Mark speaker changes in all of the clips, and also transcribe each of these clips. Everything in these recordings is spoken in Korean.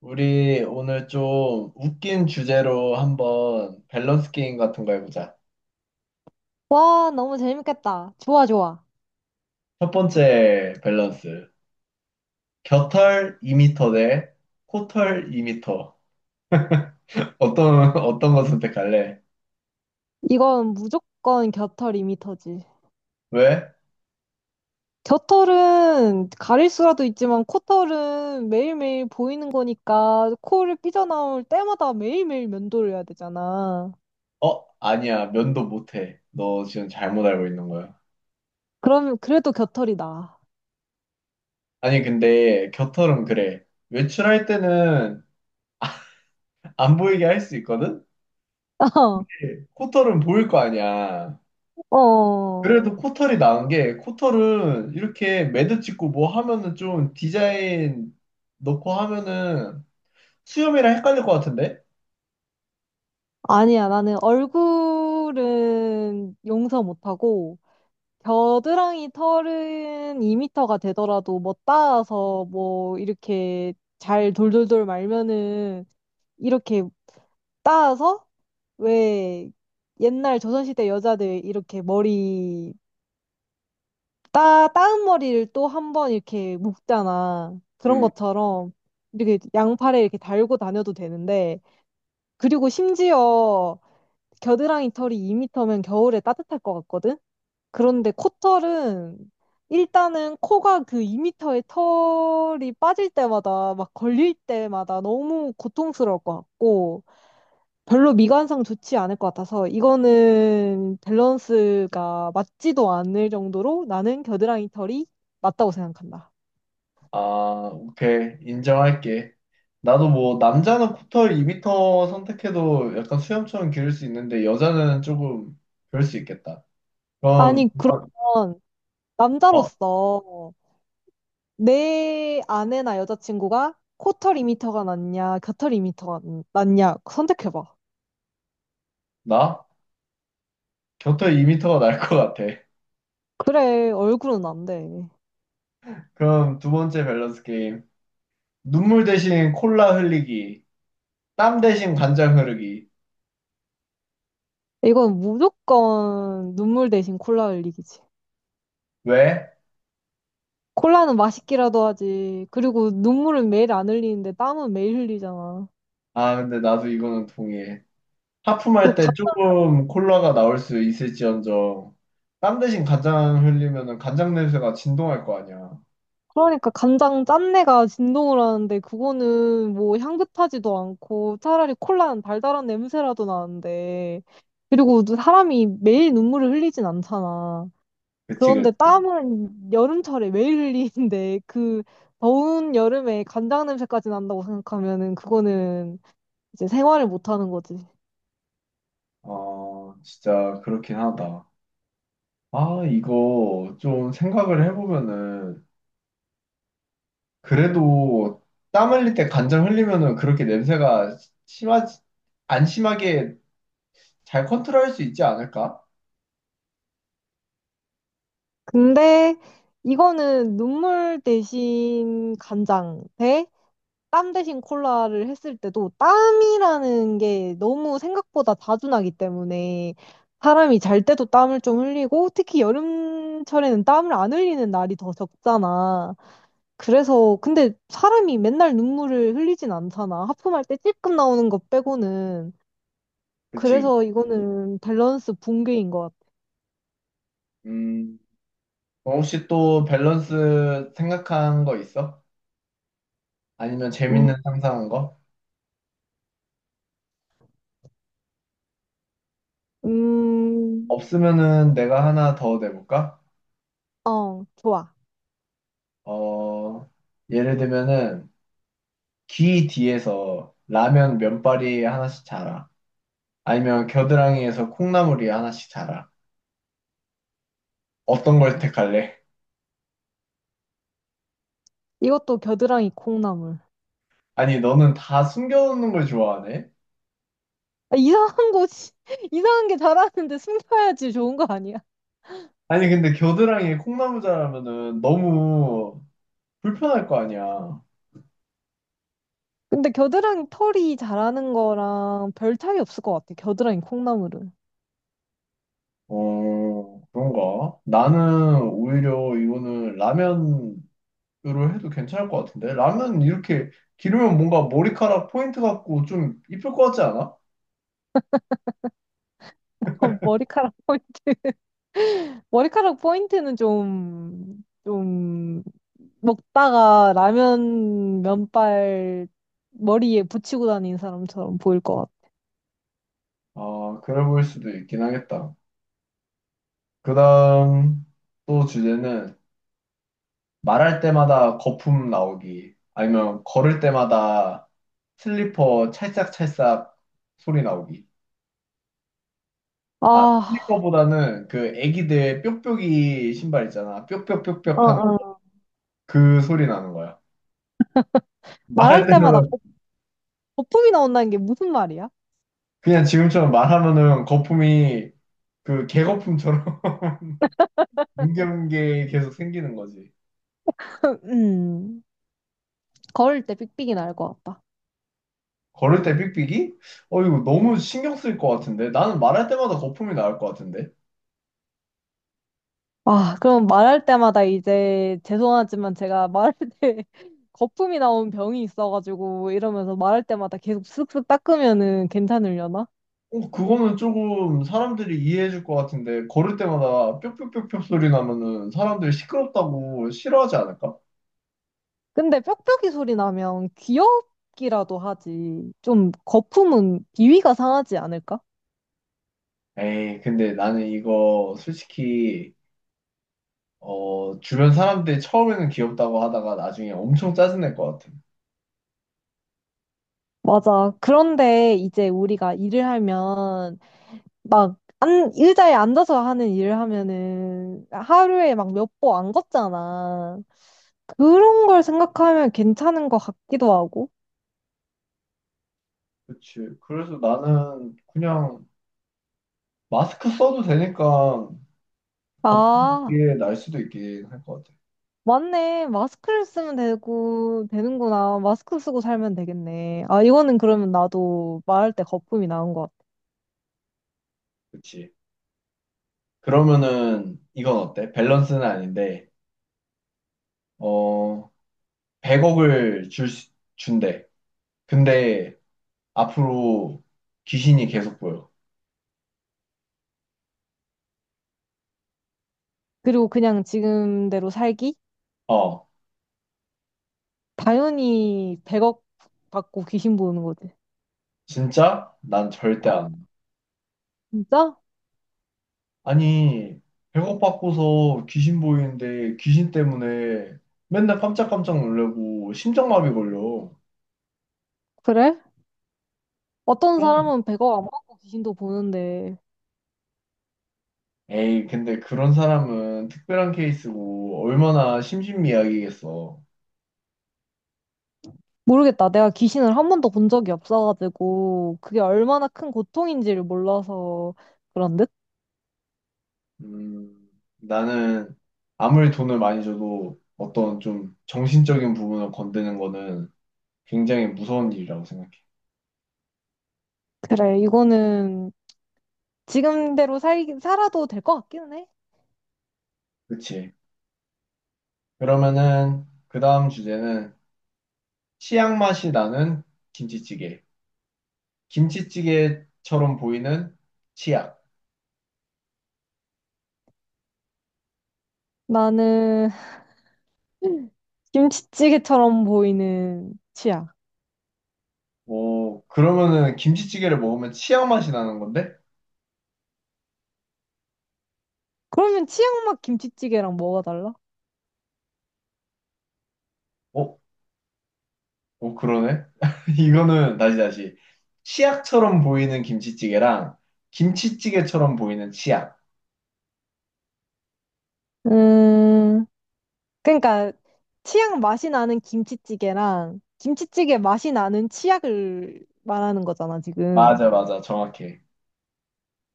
Speaker 1: 우리 오늘 좀 웃긴 주제로 한번 밸런스 게임 같은 거 해보자.
Speaker 2: 와, 너무 재밌겠다. 좋아, 좋아.
Speaker 1: 첫 번째 밸런스. 겨털 2미터 대 코털 2미터. 어떤, 어떤 거 선택할래?
Speaker 2: 이건 무조건 겨털 2미터지.
Speaker 1: 왜?
Speaker 2: 겨털은 가릴 수라도 있지만 코털은 매일매일 보이는 거니까 코를 삐져나올 때마다 매일매일 면도를 해야 되잖아.
Speaker 1: 어? 아니야. 면도 못해. 너 지금 잘못 알고 있는 거야.
Speaker 2: 그럼 그래도 겨털이 나.
Speaker 1: 아니, 근데 겨털은 그래. 외출할 때는 안 보이게 할 수 있거든? 코털은 보일 거 아니야.
Speaker 2: 어,
Speaker 1: 그래도 코털이 나은 게 코털은 이렇게 매듭 찍고 뭐 하면은 좀 디자인 넣고 하면은 수염이랑 헷갈릴 것 같은데?
Speaker 2: 아니야. 나는 얼굴은 용서 못하고, 겨드랑이 털은 2미터가 되더라도 뭐 따서 뭐 이렇게 잘 돌돌돌 말면은 이렇게 따서 왜 옛날 조선시대 여자들 이렇게 머리 따 따은 머리를 또 한번 이렇게 묶잖아. 그런
Speaker 1: 음.
Speaker 2: 것처럼 이렇게 양팔에 이렇게 달고 다녀도 되는데 그리고 심지어 겨드랑이 털이 2미터면 겨울에 따뜻할 것 같거든. 그런데 코털은 일단은 코가 그 2미터의 털이 빠질 때마다 막 걸릴 때마다 너무 고통스러울 것 같고 별로 미관상 좋지 않을 것 같아서 이거는 밸런스가 맞지도 않을 정도로 나는 겨드랑이 털이 맞다고 생각한다.
Speaker 1: 아, 오케이. 인정할게. 나도 뭐 남자는 코털 2m 선택해도 약간 수염처럼 기를 수 있는데 여자는 조금 그럴 수 있겠다. 그럼
Speaker 2: 아니,
Speaker 1: 아,
Speaker 2: 그러면
Speaker 1: 어,
Speaker 2: 남자로서 내 아내나 여자친구가 코털 2미터가 낫냐, 겨털 2미터가 낫냐 선택해봐.
Speaker 1: 나? 곁털 2미터가 날 것 같아.
Speaker 2: 그래, 얼굴은 안 돼.
Speaker 1: 그럼 두 번째 밸런스 게임. 눈물 대신 콜라 흘리기. 땀 대신 간장 흐르기.
Speaker 2: 이건 무조건 눈물 대신 콜라 흘리기지.
Speaker 1: 왜?
Speaker 2: 콜라는 맛있기라도 하지. 그리고 눈물은 매일 안 흘리는데 땀은 매일 흘리잖아.
Speaker 1: 아, 근데 나도 이거는 동의해.
Speaker 2: 그
Speaker 1: 하품할 때 조금 콜라가 나올 수 있을지언정, 땀 대신 간장 흘리면은 간장 냄새가 진동할 거 아니야.
Speaker 2: 그러니까 간장 짠내가 진동을 하는데 그거는 뭐 향긋하지도 않고 차라리 콜라는 달달한 냄새라도 나는데 그리고 또 사람이 매일 눈물을 흘리진 않잖아.
Speaker 1: 그치, 그치.
Speaker 2: 그런데 땀은 여름철에 매일 흘리는데 그 더운 여름에 간장 냄새까지 난다고 생각하면은 그거는 이제 생활을 못 하는 거지.
Speaker 1: 어, 진짜 그렇긴 하다. 아, 이거 좀 생각을 해보면은, 그래도 땀 흘릴 때 간장 흘리면은 그렇게 냄새가 심하지, 안 심하게 잘 컨트롤할 수 있지 않을까?
Speaker 2: 근데 이거는 눈물 대신 간장 대 땀 대신 콜라를 했을 때도 땀이라는 게 너무 생각보다 자주 나기 때문에 사람이 잘 때도 땀을 좀 흘리고 특히 여름철에는 땀을 안 흘리는 날이 더 적잖아. 그래서 근데 사람이 맨날 눈물을 흘리진 않잖아. 하품할 때 찔끔 나오는 것 빼고는.
Speaker 1: 그치.
Speaker 2: 그래서 이거는 밸런스 붕괴인 것 같아.
Speaker 1: 음, 어, 혹시 또 밸런스 생각한 거 있어? 아니면
Speaker 2: 음,
Speaker 1: 재밌는 상상한 거?
Speaker 2: 음,
Speaker 1: 없으면은 내가 하나 더 내볼까?
Speaker 2: 어, 좋아.
Speaker 1: 어, 예를 들면은 귀 뒤에서 라면 면발이 하나씩 자라. 아니면 겨드랑이에서 콩나물이 하나씩 자라. 어떤 걸 택할래?
Speaker 2: 이것도 겨드랑이 콩나물.
Speaker 1: 아니, 너는 다 숨겨놓는 걸 좋아하네?
Speaker 2: 아, 이상한 곳이, 이상한 게 잘하는데 숨겨야지 좋은 거 아니야?
Speaker 1: 아니, 근데 겨드랑이에 콩나물 자라면은 너무 불편할 거 아니야.
Speaker 2: 근데 겨드랑이 털이 자라는 거랑 별 차이 없을 것 같아. 겨드랑이 콩나물은.
Speaker 1: 어, 그런가? 나는 오히려 이거는 라면 로 해도 괜찮을 것 같은데 라면 이렇게 기르면 뭔가 머리카락 포인트 같고 좀 이쁠 것 같지 않아?
Speaker 2: 머리카락, 포인- 머리카락 포인트는 좀, 좀, 먹다가 라면 면발 머리에 붙이고 다니는 사람처럼 보일 것 같아.
Speaker 1: 아, 그래 보일 수도 있긴 하겠다. 그다음 또 주제는 말할 때마다 거품 나오기 아니면 걸을 때마다 슬리퍼 찰싹찰싹 소리 나오기. 아,
Speaker 2: 아,
Speaker 1: 슬리퍼보다는 그 애기들 뾱뾱이 신발 있잖아, 뾱뾱뾱뾱
Speaker 2: 어,
Speaker 1: 하는
Speaker 2: 어.
Speaker 1: 그 소리 나는 거야. 말할
Speaker 2: 말할 때마다
Speaker 1: 때마다
Speaker 2: 거- 거품이 나온다는 게 무슨 말이야?
Speaker 1: 그냥 지금처럼 말하면은 거품이 그 개거품처럼 문경계 계속 생기는 거지.
Speaker 2: 음, 걸을 때 삑삑이 날 것 같아.
Speaker 1: 걸을 때 삑삑이? 어, 이거 너무 신경 쓸 것 같은데? 나는 말할 때마다 거품이 나올 것 같은데?
Speaker 2: 아, 그럼 말할 때마다 이제 죄송하지만 제가 말할 때 거품이 나온 병이 있어가지고 이러면서 말할 때마다 계속 쓱쓱 닦으면은 괜찮으려나?
Speaker 1: 어, 그거는 조금 사람들이 이해해 줄 것 같은데, 걸을 때마다 뿅뿅뿅뿅 소리 나면은 사람들이 시끄럽다고 싫어하지 않을까?
Speaker 2: 근데 뿅뿅이 소리 나면 귀엽기라도 하지. 좀 거품은 비위가 상하지 않을까?
Speaker 1: 에이, 근데 나는 이거 솔직히, 어, 주변 사람들이 처음에는 귀엽다고 하다가 나중에 엄청 짜증낼 것 같아.
Speaker 2: 맞아. 그런데 이제 우리가 일을 하면 막 안, 의자에 앉아서 하는 일을 하면은 하루에 막 몇 보 안 걷잖아. 그런 걸 생각하면 괜찮은 것 같기도 하고.
Speaker 1: 그치. 그래서 나는 그냥 마스크 써도 되니까
Speaker 2: 아,
Speaker 1: 거품이 날 수도 있긴 할 것 같아.
Speaker 2: 맞네. 마스크를 쓰면 되고, 되는구나. 마스크 쓰고 살면 되겠네. 아, 이거는 그러면 나도 말할 때 거품이 나온 것 같아.
Speaker 1: 그치. 그러면은 이건 어때? 밸런스는 아닌데, 어, 100억을 준대. 근데 앞으로 귀신이 계속 보여.
Speaker 2: 그리고 그냥 지금대로 살기?
Speaker 1: 어,
Speaker 2: 당연히 100억 받고 귀신 보는 거지.
Speaker 1: 진짜? 난 절대 안.
Speaker 2: 어.
Speaker 1: 와.
Speaker 2: 진짜?
Speaker 1: 아니, 100억 받고서 귀신 보이는데 귀신 때문에 맨날 깜짝깜짝 놀래고 심장마비 걸려.
Speaker 2: 그래? 어떤
Speaker 1: 그럼
Speaker 2: 사람은 100억 안 받고 귀신도 보는데,
Speaker 1: 에이, 근데 그런 사람은 특별한 케이스고 얼마나 심신미약이겠어.
Speaker 2: 모르겠다. 내가 귀신을 한 번도 본 적이 없어가지고, 그게 얼마나 큰 고통인지를 몰라서 그런 듯?
Speaker 1: 음, 나는 아무리 돈을 많이 줘도 어떤 좀 정신적인 부분을 건드는 거는 굉장히 무서운 일이라고 생각해.
Speaker 2: 그래, 이거는 지금대로 살, 살아도 될 것 같기는 해.
Speaker 1: 그치? 그러면은 그 다음 주제는 치약 맛이 나는 김치찌개. 김치찌개처럼 보이는 치약.
Speaker 2: 나는 김치찌개처럼 보이는 치약.
Speaker 1: 오, 그러면은 김치찌개를 먹으면 치약 맛이 나는 건데?
Speaker 2: 그러면 치약 맛 김치찌개랑 뭐가 달라?
Speaker 1: 어? 어, 그러네? 이거는 다시 다시. 치약처럼 보이는 김치찌개랑 김치찌개처럼 보이는 치약.
Speaker 2: 음, 그러니까 치약 맛이 나는 김치찌개랑 김치찌개 맛이 나는 치약을 말하는 거잖아, 지금.
Speaker 1: 맞아, 맞아. 정확해.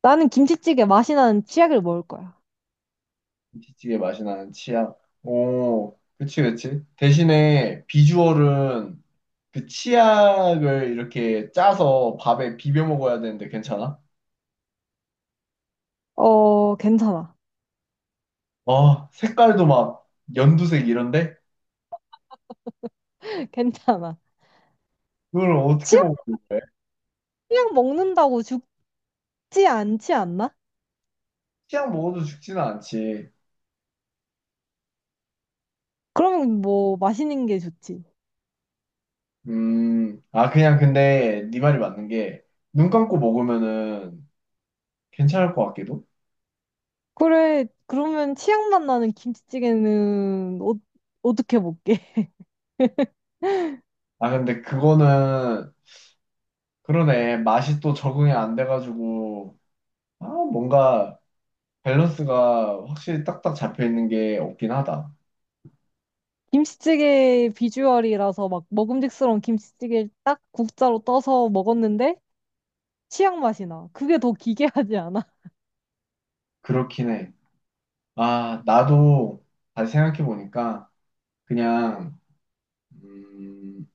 Speaker 2: 나는 김치찌개 맛이 나는 치약을 먹을 거야.
Speaker 1: 김치찌개 맛이 나는 치약. 오, 그치, 그치. 대신에 비주얼은 그 치약을 이렇게 짜서 밥에 비벼 먹어야 되는데 괜찮아?
Speaker 2: 어, 괜찮아.
Speaker 1: 아, 색깔도 막 연두색 이런데?
Speaker 2: 괜찮아.
Speaker 1: 그걸 어떻게
Speaker 2: 치약,
Speaker 1: 먹고 그래?
Speaker 2: 치약 먹는다고 죽지 않지 않나?
Speaker 1: 치약 먹어도 죽지는 않지.
Speaker 2: 그러면 뭐 맛있는 게 좋지.
Speaker 1: 아, 그냥 근데 네 말이 맞는 게 눈 감고 먹으면은 괜찮을 것 같기도?
Speaker 2: 그래, 그러면 치약맛 나는 김치찌개는 어, 어떻게 먹게?
Speaker 1: 아, 근데 그거는 그러네. 맛이 또 적응이 안 돼가지고 아, 뭔가 밸런스가 확실히 딱딱 잡혀 있는 게 없긴 하다.
Speaker 2: 김치찌개 비주얼이라서 막 먹음직스러운 김치찌개를 딱 국자로 떠서 먹었는데 치약 맛이 나. 그게 더 기괴하지 않아?
Speaker 1: 그렇긴 해. 아, 나도 다시 생각해 보니까 그냥 음,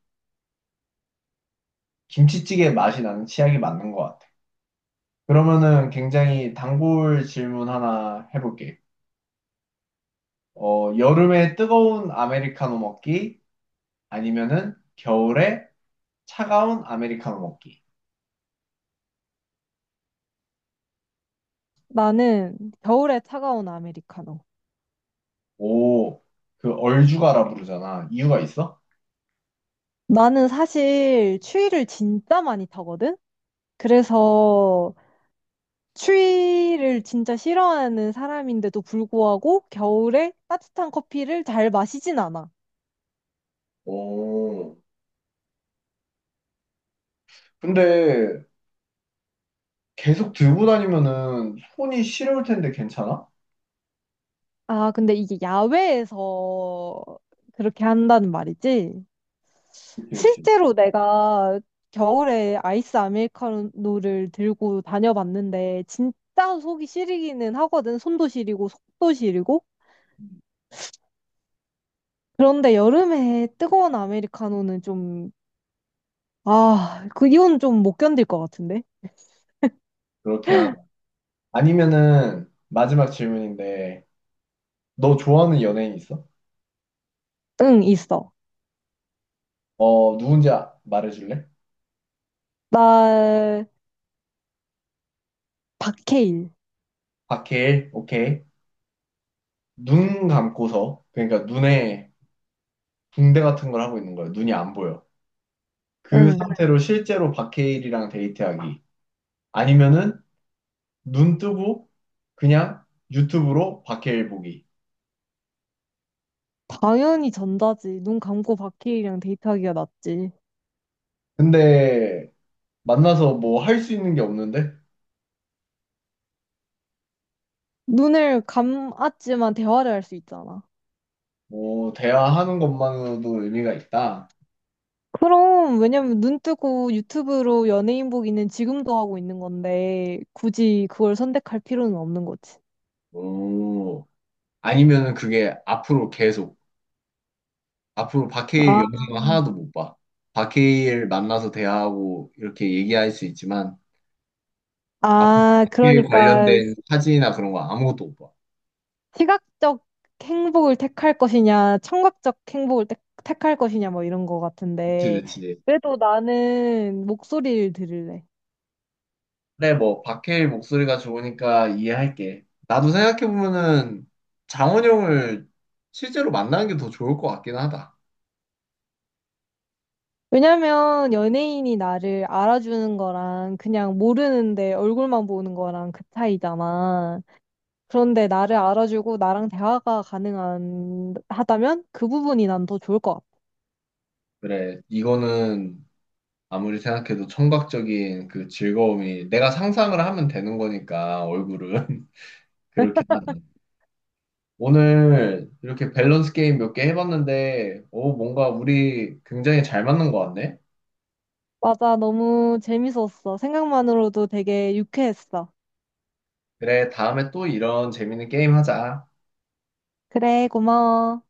Speaker 1: 김치찌개 맛이 나는 치약이 맞는 것 같아. 그러면은 굉장히 단골 질문 하나 해볼게. 어, 여름에 뜨거운 아메리카노 먹기 아니면은 겨울에 차가운 아메리카노 먹기.
Speaker 2: 나는 겨울에 차가운 아메리카노.
Speaker 1: 오, 그 얼죽아라 부르잖아. 이유가 있어?
Speaker 2: 나는 사실 추위를 진짜 많이 타거든? 그래서 추위를 진짜 싫어하는 사람인데도 불구하고 겨울에 따뜻한 커피를 잘 마시진 않아.
Speaker 1: 오. 근데 계속 들고 다니면은 손이 시려울 텐데 괜찮아?
Speaker 2: 아, 근데 이게 야외에서 그렇게 한다는 말이지?
Speaker 1: 그치, 그지.
Speaker 2: 실제로 내가 겨울에 아이스 아메리카노를 들고 다녀봤는데, 진짜 속이 시리기는 하거든. 손도 시리고, 속도 시리고. 그런데 여름에 뜨거운 아메리카노는 좀, 아, 그 이건 좀 못 견딜 것 같은데?
Speaker 1: 그렇게 하자. 아니면은 마지막 질문인데 너 좋아하는 연예인 있어?
Speaker 2: 응, 있어.
Speaker 1: 어, 누군지 말해줄래?
Speaker 2: 나, 박해일.
Speaker 1: 박해일 오케이. 눈 감고서, 그러니까 눈에 붕대 같은 걸 하고 있는 거야. 눈이 안 보여. 그
Speaker 2: 응.
Speaker 1: 상태로 실제로 박해일이랑 데이트하기 아니면은 눈 뜨고 그냥 유튜브로 박해일 보기.
Speaker 2: 당연히 전자지. 눈 감고 박해일이랑 데이트하기가 낫지.
Speaker 1: 근데 만나서 뭐 할 수 있는 게 없는데.
Speaker 2: 눈을 감았지만 대화를 할 수 있잖아.
Speaker 1: 오, 대화하는 것만으로도 의미가 있다.
Speaker 2: 그럼, 왜냐면 눈 뜨고 유튜브로 연예인 보기는 지금도 하고 있는 건데, 굳이 그걸 선택할 필요는 없는 거지.
Speaker 1: 오, 아니면은 그게 앞으로 계속, 앞으로 박해일
Speaker 2: 아,
Speaker 1: 영상을 하나도 못 봐. 박해일 만나서 대화하고 이렇게 얘기할 수 있지만, 아,
Speaker 2: 아,
Speaker 1: 박해일
Speaker 2: 그러니까
Speaker 1: 관련된 사진이나 그런 거 아무것도 못 봐.
Speaker 2: 시각적 행복을 택할 것이냐, 청각적 행복을 택할 것이냐, 뭐 이런 거
Speaker 1: 그치,
Speaker 2: 같은데,
Speaker 1: 그치.
Speaker 2: 그래도 나는 목소리를 들을래.
Speaker 1: 그래, 뭐, 박해일 목소리가 좋으니까 이해할게. 나도 생각해보면은 장원영을 실제로 만나는 게 더 좋을 것 같긴 하다.
Speaker 2: 왜냐면 연예인이 나를 알아주는 거랑 그냥 모르는데 얼굴만 보는 거랑 그 차이잖아. 그런데 나를 알아주고 나랑 대화가 가능한, 하다면 그 부분이 난 더 좋을 것 같아.
Speaker 1: 그래, 이거는 아무리 생각해도 청각적인 그 즐거움이 내가 상상을 하면 되는 거니까 얼굴은 그렇긴 하다. 오늘 이렇게 밸런스 게임 몇 개 해봤는데 오, 뭔가 우리 굉장히 잘 맞는 것 같네.
Speaker 2: 맞아, 너무 재밌었어. 생각만으로도 되게 유쾌했어.
Speaker 1: 그래, 다음에 또 이런 재밌는 게임 하자.
Speaker 2: 그래, 고마워.